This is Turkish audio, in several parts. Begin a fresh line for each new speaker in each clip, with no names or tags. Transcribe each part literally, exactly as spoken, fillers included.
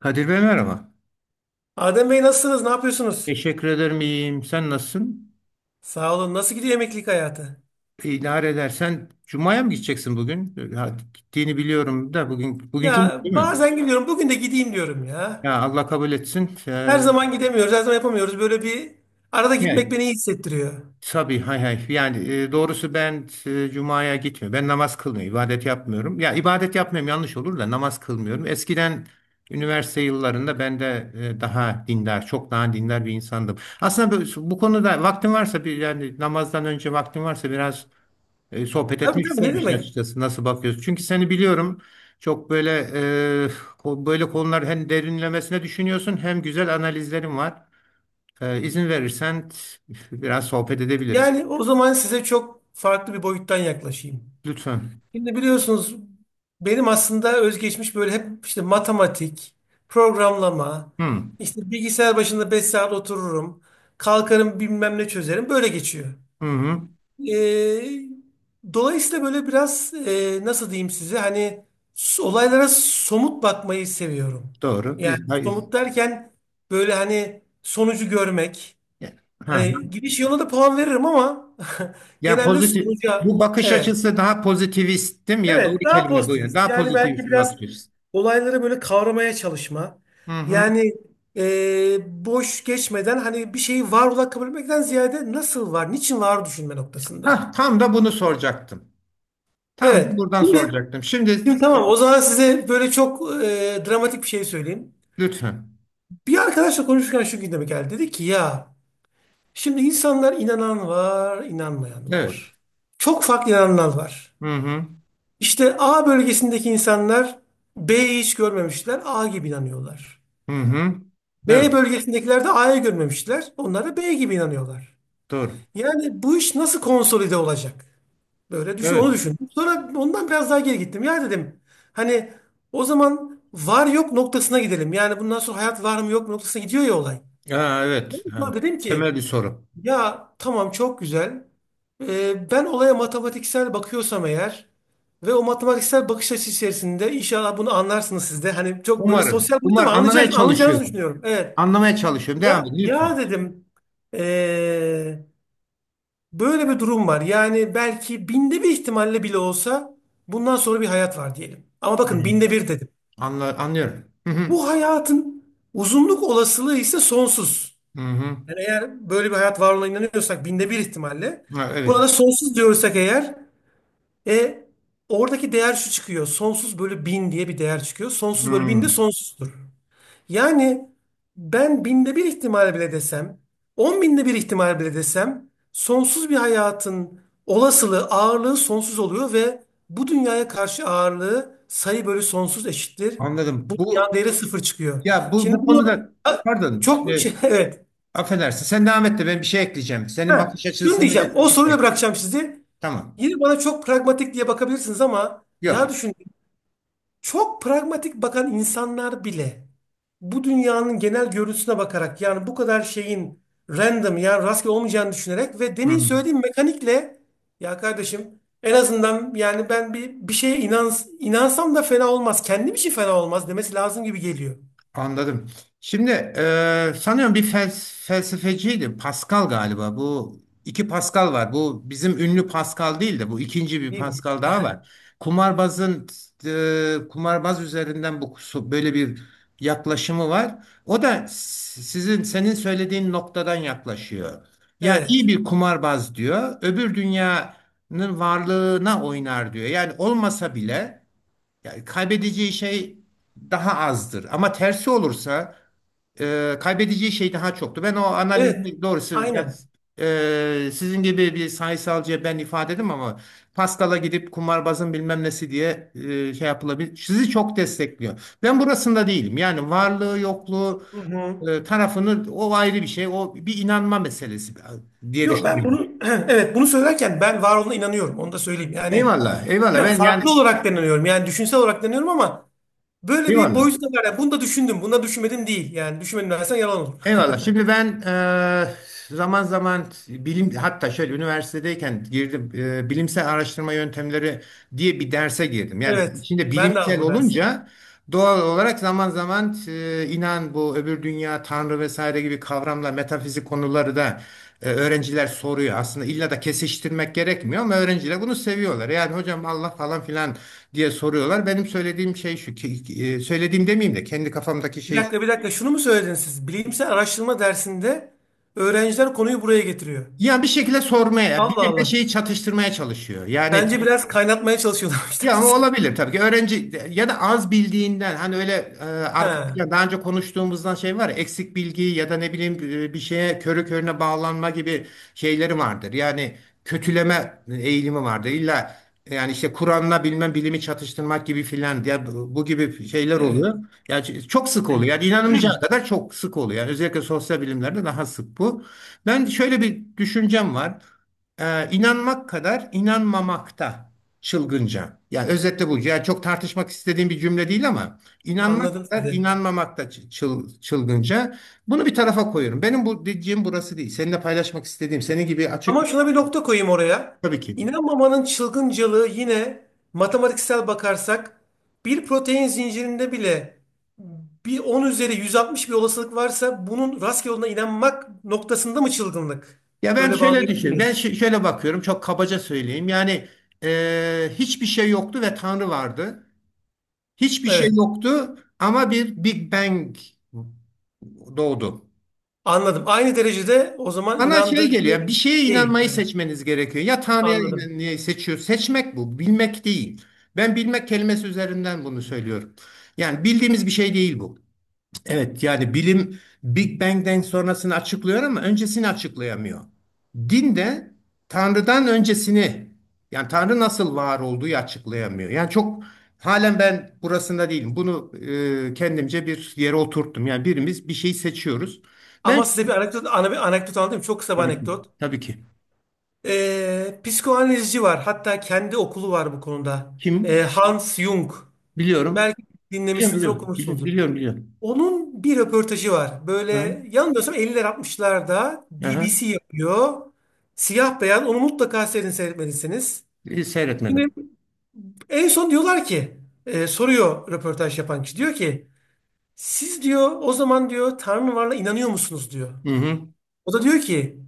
Kadir Bey merhaba.
Adem Bey nasılsınız? Ne yapıyorsunuz?
Teşekkür ederim iyiyim. Sen nasılsın?
Sağ olun. Nasıl gidiyor emeklilik hayatı?
İdare edersen Cuma'ya mı gideceksin bugün? Ha, gittiğini biliyorum da bugün bugün Cuma
Ya
değil mi?
bazen gidiyorum. Bugün de gideyim diyorum ya.
Ya Allah kabul etsin.
Her
Ee,
zaman gidemiyoruz. Her zaman yapamıyoruz. Böyle bir arada gitmek
yani,
beni iyi hissettiriyor.
tabii hay hay. Yani e, doğrusu ben e, Cuma'ya gitmiyorum. Ben namaz kılmıyorum. İbadet yapmıyorum. Ya ibadet yapmıyorum yanlış olur da namaz kılmıyorum. Eskiden üniversite yıllarında ben de e, daha dindar, çok daha dindar bir insandım. Aslında bu, bu konuda vaktin varsa bir yani namazdan önce vaktin varsa biraz e, sohbet
Tabii
etmek
tabii, ne
isterim işin
demek?
açıkçası. Nasıl bakıyorsun? Çünkü seni biliyorum. Çok böyle e, ko- böyle konular hem derinlemesine düşünüyorsun hem güzel analizlerin var. E, izin verirsen t- biraz sohbet edebiliriz.
Yani o zaman size çok farklı bir boyuttan yaklaşayım.
Lütfen.
Şimdi biliyorsunuz benim aslında özgeçmiş böyle hep işte matematik, programlama,
Hı.
işte bilgisayar başında beş saat otururum. Kalkarım bilmem ne çözerim. Böyle geçiyor.
Hı hı.
Ee, dolayısıyla böyle biraz e, nasıl diyeyim size hani s- olaylara somut bakmayı seviyorum.
Doğru.
Yani
Biz hayır.
somut derken böyle hani sonucu görmek.
Ya- Ha.
Hani gidiş yoluna da puan veririm ama
Yani
genelde
pozitif
sonuca
bu bakış
evet.
açısı daha pozitivist değil mi? Ya doğru
Evet daha
kelime bu. Yani.
pozitivist.
Daha
Yani belki
pozitivist bir
biraz
bakış açısı.
olayları böyle kavramaya çalışma.
Hı hı.
Yani e, boş geçmeden hani bir şeyi var olarak kabul etmekten ziyade nasıl var, niçin var düşünme noktasında.
Hah, tam da bunu soracaktım. Tam da
Evet.
buradan
Yine,
soracaktım. Şimdi
şimdi
e,
tamam, o zaman size böyle çok e, dramatik bir şey söyleyeyim.
lütfen.
Bir arkadaşla konuşurken şu gündeme geldi. Dedi ki ya şimdi insanlar inanan var, inanmayan
Evet.
var. Çok farklı inananlar var.
Hı hı.
İşte A bölgesindeki insanlar B'yi hiç görmemişler, A gibi inanıyorlar.
Hı hı. Evet.
B bölgesindekiler de A'yı görmemişler, onlar da B gibi inanıyorlar.
Doğru.
Yani bu iş nasıl konsolide olacak? Böyle düşün,
Evet.
onu düşündüm. Sonra ondan biraz daha geri gittim. Ya dedim, hani o zaman var yok noktasına gidelim. Yani bundan sonra hayat var mı yok mu noktasına gidiyor ya olay.
Ha,
Ben
evet.
de
Yani
sonra dedim
temel
ki
bir soru.
ya tamam, çok güzel. Ee, ben olaya matematiksel bakıyorsam eğer ve o matematiksel bakış açısı içerisinde inşallah bunu anlarsınız siz de. Hani çok böyle
Umarım.
sosyal boyutu,
Umar
ama
anlamaya
anlayacaksınız, anlayacağınızı
çalışıyorum.
düşünüyorum. Evet.
Anlamaya çalışıyorum. Devam
Ya,
edin
ya
lütfen.
dedim, ee, böyle bir durum var. Yani belki binde bir ihtimalle bile olsa bundan sonra bir hayat var diyelim. Ama
Hı
bakın,
hı.
binde bir dedim.
Anla, anlıyorum. Hı hı.
Bu hayatın uzunluk olasılığı ise sonsuz.
Hı hı.
Yani eğer böyle bir hayat var olduğuna inanıyorsak binde bir ihtimalle.
Ha, evet.
Buna da sonsuz diyorsak eğer, e, oradaki değer şu çıkıyor. Sonsuz bölü bin diye bir değer çıkıyor. Sonsuz bölü bin de
Hı.
sonsuzdur. Yani ben binde bir ihtimal bile desem, on binde bir ihtimal bile desem, sonsuz bir hayatın olasılığı, ağırlığı sonsuz oluyor ve bu dünyaya karşı ağırlığı sayı bölü sonsuz eşittir.
Anladım. Bu
Yan değeri sıfır çıkıyor.
ya bu
Şimdi
bu
bunu,
konuda,
ha,
pardon.
çok
E,
şey, evet.
affedersin. Sen devam et de ben bir şey ekleyeceğim. Senin
Ha,
bakış açını
şunu
seni
diyeceğim. O soruyla
destekleyecek.
bırakacağım sizi.
Tamam.
Yine bana çok pragmatik diye bakabilirsiniz ama ya
Yok.
düşün, çok pragmatik bakan insanlar bile bu dünyanın genel görüntüsüne bakarak, yani bu kadar şeyin random, yani rastgele olmayacağını düşünerek ve
Hı
demin
hı.
söylediğim mekanikle, ya kardeşim en azından, yani ben bir bir şeye inans inansam da fena olmaz. Kendim için fena olmaz demesi lazım gibi geliyor.
Anladım. Şimdi e, sanıyorum bir fels- felsefeciydi. Pascal galiba. Bu iki Pascal var. Bu bizim ünlü Pascal değil de bu ikinci bir
Değil mi?
Pascal daha var. Kumarbazın e, Kumarbaz üzerinden bu böyle bir yaklaşımı var. O da s- sizin senin söylediğin noktadan yaklaşıyor. Yani iyi
Evet.
bir kumarbaz diyor. Öbür dünyanın varlığına oynar diyor. Yani olmasa bile yani kaybedeceği şey daha azdır. Ama tersi olursa e, kaybedeceği şey daha çoktu. Ben o
Evet.
analizini doğrusu yani
Aynen.
e, sizin gibi bir sayısalcıya ben ifade edeyim ama Pascal'a gidip kumarbazın bilmem nesi diye e, şey yapılabilir. Sizi çok destekliyor. Ben burasında değilim. Yani varlığı yokluğu
Hı hı.
e, tarafını o ayrı bir şey. O bir inanma meselesi diye
Yo, ben
düşünüyorum.
bunu evet, bunu söylerken ben var olduğuna inanıyorum. Onu da söyleyeyim. Yani
Eyvallah, eyvallah.
ben
Ben yani
farklı olarak da inanıyorum. Yani düşünsel olarak da inanıyorum ama böyle bir
eyvallah.
boyutu da var. Yani bunu da düşündüm. Bunu da düşünmedim değil. Yani düşünmedim dersen yalan olur.
Eyvallah. Şimdi ben eee, zaman zaman bilim hatta şöyle üniversitedeyken girdim eee, bilimsel araştırma yöntemleri diye bir derse girdim. Yani
Evet.
içinde
Ben de aldım
bilimsel
o dersi.
olunca doğal olarak zaman zaman eee, inan bu öbür dünya, Tanrı vesaire gibi kavramla metafizik konuları da eee, öğrenciler soruyor. Aslında illa da kesiştirmek gerekmiyor ama öğrenciler bunu seviyorlar. Yani hocam Allah falan filan diye soruyorlar. Benim söylediğim şey şu ki eee, söylediğim demeyeyim de kendi kafamdaki
Bir
şey.
dakika, bir dakika. Şunu mu söylediniz siz? Bilimsel araştırma dersinde öğrenciler konuyu buraya getiriyor.
Yani bir şekilde sormaya,
Allah
birbirine
Allah.
şeyi çatıştırmaya çalışıyor. Yani
Bence biraz kaynatmaya çalışıyorlarmış
ya o
dersi.
olabilir tabii ki. Öğrenci ya da az bildiğinden hani öyle e, arka
Ha,
plan- daha önce konuştuğumuzdan şey var ya eksik bilgi ya da ne bileyim e, bir şeye körü körüne bağlanma gibi şeyleri vardır. Yani kötüleme eğilimi vardır. İlla yani işte Kur'an'la bilmem bilimi çatıştırmak gibi filan diye bu bu gibi şeyler
evet.
oluyor. Yani ç- çok sık oluyor. Yani inanamayacağı kadar çok sık oluyor. Yani özellikle sosyal bilimlerde daha sık bu. Ben şöyle bir düşüncem var. Ee, inanmak kadar inanmamakta. Çılgınca. Yani özetle bu. Yani çok tartışmak istediğim bir cümle değil ama inanmak
Anladım
da
sizi.
inanmamak da çı- çıl- çılgınca. Bunu bir tarafa koyuyorum. Benim bu dediğim burası değil. Seninle paylaşmak istediğim senin gibi açık
Ama şuna bir nokta koyayım oraya.
tabii ki.
İnanmamanın çılgıncalığı yine, matematiksel bakarsak, bir protein zincirinde bile bir on üzeri yüz altmış bir olasılık varsa bunun rastgele olduğuna inanmak noktasında mı çılgınlık?
Ya ben
Böyle
şöyle
bağlayabilir
düşün. Ben
miyiz?
şö- şöyle bakıyorum. Çok kabaca söyleyeyim. Yani e, hiçbir şey yoktu ve Tanrı vardı. Hiçbir şey
Evet,
yoktu ama bir Big Bang doğdu.
anladım. Aynı derecede o zaman
Bana şey
inandırıcı
geliyor, bir şeye
değil.
inanmayı
Evet,
seçmeniz gerekiyor. Ya Tanrı'ya
anladım.
inanmayı seçiyor. Seçmek bu, bilmek değil. Ben bilmek kelimesi üzerinden bunu söylüyorum. Yani bildiğimiz bir şey değil bu. Evet, yani bilim Big Bang'den sonrasını açıklıyor ama öncesini açıklayamıyor. Din de Tanrı'dan öncesini, yani Tanrı nasıl var olduğu açıklayamıyor. Yani çok halen ben burasında değilim. Bunu e, kendimce bir yere oturttum. Yani birimiz bir şeyi seçiyoruz. Ben
Ama size bir anekdot, ana bir anekdot anlatayım. Çok kısa bir
tabii ki,
anekdot.
tabii ki.
Ee, psikoanalizci var. Hatta kendi okulu var bu konuda. Ee,
Kim?
Hans Jung.
Biliyorum.
Belki
Biliyorum,
dinlemişsinizdir,
biliyorum. Biliyorum,
okumuşsunuzdur.
biliyorum. Biliyorum.
Onun bir röportajı var.
Hı.
Böyle yanılmıyorsam elliler altmışlarda
Aha.
B B C yapıyor. Siyah beyan onu mutlaka sizin seyretmelisiniz.
E,
Şimdi
Seyretmedim.
en son diyorlar ki, e, soruyor röportaj yapan kişi, diyor ki siz diyor, o zaman diyor, Tanrı varla inanıyor musunuz diyor.
Hı hı.
O da diyor ki,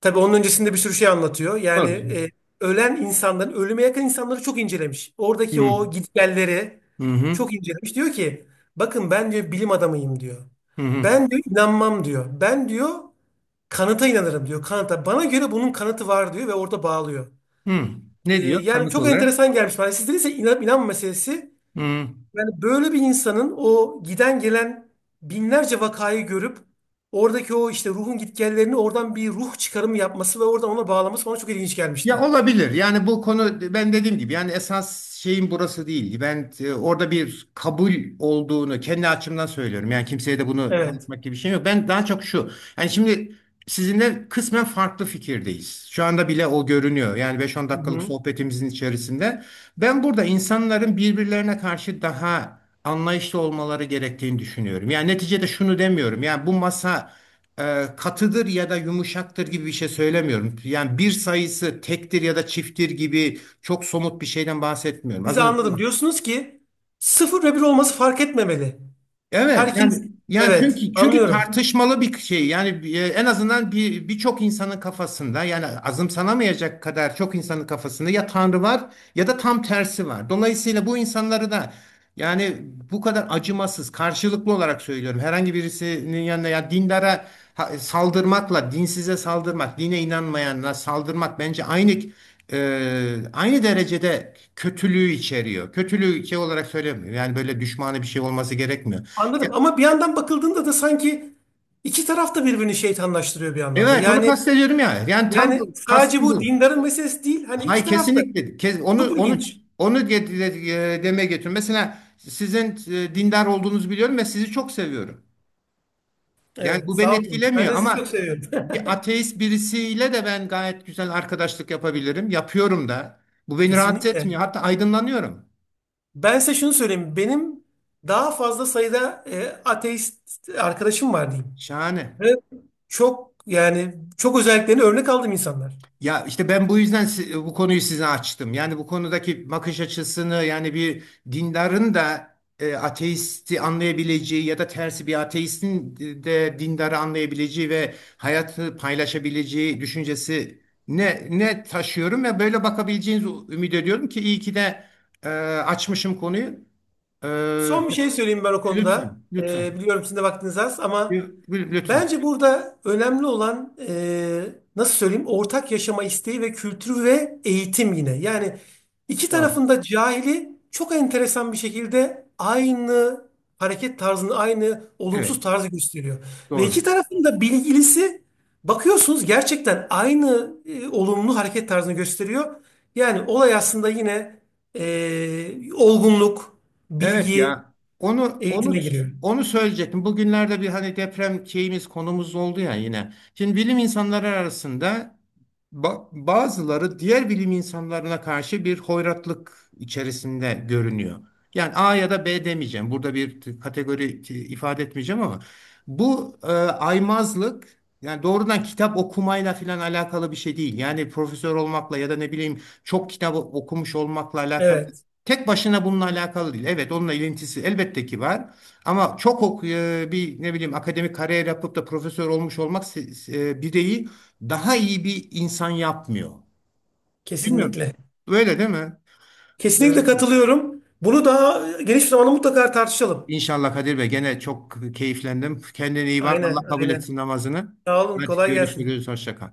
tabii onun öncesinde bir sürü şey anlatıyor. Yani
Doğru.
e, ölen insanların, ölüme yakın insanları çok incelemiş.
Hı
Oradaki
hı.
o gitgelleri
Hı hı.
çok incelemiş. Diyor ki bakın ben diyor bilim adamıyım diyor.
Hı hı.
Ben diyor inanmam diyor. Ben diyor kanıta inanırım diyor. Kanıta. Bana göre bunun kanıtı var diyor ve orada bağlıyor.
Hı.
E,
Ne diyor
yani
kanıt
çok
olarak?
enteresan gelmiş bana. Sizde ise inan, inanma meselesi,
Hı.
yani böyle bir insanın o giden gelen binlerce vakayı görüp oradaki o işte ruhun gitgellerini oradan bir ruh çıkarımı yapması ve oradan ona bağlaması bana çok ilginç
Ya
gelmişti.
olabilir. Yani bu konu ben dediğim gibi yani esas şeyin burası değil. Ben e, orada bir kabul olduğunu kendi açımdan söylüyorum. Yani kimseye de bunu
Evet.
anlatmak gibi bir şey yok. Ben daha çok şu. Yani şimdi sizinle kısmen farklı fikirdeyiz. Şu anda bile o görünüyor. Yani beş on dakikalık
Hı-hı.
sohbetimizin içerisinde. Ben burada insanların birbirlerine karşı daha anlayışlı olmaları gerektiğini düşünüyorum. Yani neticede şunu demiyorum. Yani bu masa e, katıdır ya da yumuşaktır gibi bir şey söylemiyorum. Yani bir sayısı tektir ya da çifttir gibi çok somut bir şeyden bahsetmiyorum. Az
Bizi
önce.
anladım. Diyorsunuz ki sıfır ve bir olması fark etmemeli.
Evet, yani
Herkes,
yani
evet,
çünkü çünkü
anlıyorum.
tartışmalı bir şey yani e, en azından bir birçok insanın kafasında yani azımsanamayacak kadar çok insanın kafasında ya Tanrı var ya da tam tersi var. Dolayısıyla bu insanları da yani bu kadar acımasız karşılıklı olarak söylüyorum herhangi birisinin yanına ya dindara ha- saldırmakla dinsize saldırmak dine inanmayana saldırmak bence aynı e, aynı derecede kötülüğü içeriyor. Kötülüğü şey olarak söylemiyorum. Yani böyle düşmanı bir şey olması gerekmiyor.
Anladım, ama bir yandan bakıldığında da sanki iki taraf da birbirini şeytanlaştırıyor bir anlamda.
Evet onu
Yani,
kastediyorum ya. Yani tam
yani
bu,
sadece
kastım
bu
bu.
dindarın meselesi değil. Hani iki
Hay,
taraf da
kesinlikle. Kes, onu
çok
onu
ilginç.
onu ge- de- e, demeye getiriyorum. Mesela sizin e, dindar olduğunuzu biliyorum ve sizi çok seviyorum. Yani
Evet,
bu beni
sağ olun. Ben
etkilemiyor
de sizi çok
ama
seviyorum.
bir ateist birisiyle de ben gayet güzel arkadaşlık yapabilirim. Yapıyorum da. Bu beni rahatsız
Kesinlikle.
etmiyor. Hatta aydınlanıyorum.
Ben size şunu söyleyeyim. Benim daha fazla sayıda e, ateist arkadaşım var diyeyim.
Şahane.
Ve çok, yani çok özelliklerini örnek aldığım insanlar.
Ya işte ben bu yüzden si- bu konuyu size açtım. Yani bu konudaki bakış açısını yani bir dindarın da e, ateisti anlayabileceği ya da tersi bir ateistin de dindarı anlayabileceği ve hayatı paylaşabileceği düşüncesi ne ne taşıyorum ve böyle bakabileceğinizi ümit ediyorum ki iyi ki de e, açmışım konuyu. E,
Son bir şey söyleyeyim ben o konuda.
Lütfen,
E,
lütfen.
biliyorum sizin de vaktiniz az, ama
Lü- lü- Lütfen.
bence burada önemli olan, e, nasıl söyleyeyim, ortak yaşama isteği ve kültürü ve eğitim, yine. Yani iki
Doğru.
tarafında cahili çok enteresan bir şekilde aynı hareket tarzını, aynı
Evet,
olumsuz tarzı gösteriyor. Ve iki
doğru.
tarafında bilgilisi, bakıyorsunuz, gerçekten aynı e, olumlu hareket tarzını gösteriyor. Yani olay aslında yine e, olgunluk,
Evet
bilgi,
ya. Onu onu
eğitime giriyor.
onu söyleyecektim. Bugünlerde bir hani deprem şeyimiz konumuz oldu ya yine. Şimdi bilim insanları arasında ba- bazıları diğer bilim insanlarına karşı bir hoyratlık içerisinde görünüyor. Yani A ya da B demeyeceğim. Burada bir t- kategori t- ifade etmeyeceğim ama bu e, aymazlık yani doğrudan kitap okumayla falan alakalı bir şey değil. Yani profesör olmakla ya da ne bileyim çok kitap okumuş olmakla alakalı.
Evet,
Tek başına bununla alakalı değil. Evet, onunla ilintisi elbette ki var. Ama çok ok e, bir ne bileyim akademik kariyer yapıp da profesör olmuş olmak se- e, bireyi daha iyi bir insan yapmıyor. Bilmiyorum.
kesinlikle.
Öyle değil mi?
Kesinlikle
Evet.
katılıyorum. Bunu daha geniş bir zamanda mutlaka tartışalım.
İnşallah Kadir Bey gene çok keyiflendim. Kendine iyi bak. Allah
Aynen,
kabul
aynen.
etsin namazını.
Sağ olun,
Hadi
kolay gelsin.
görüşürüz. Hoşça kal.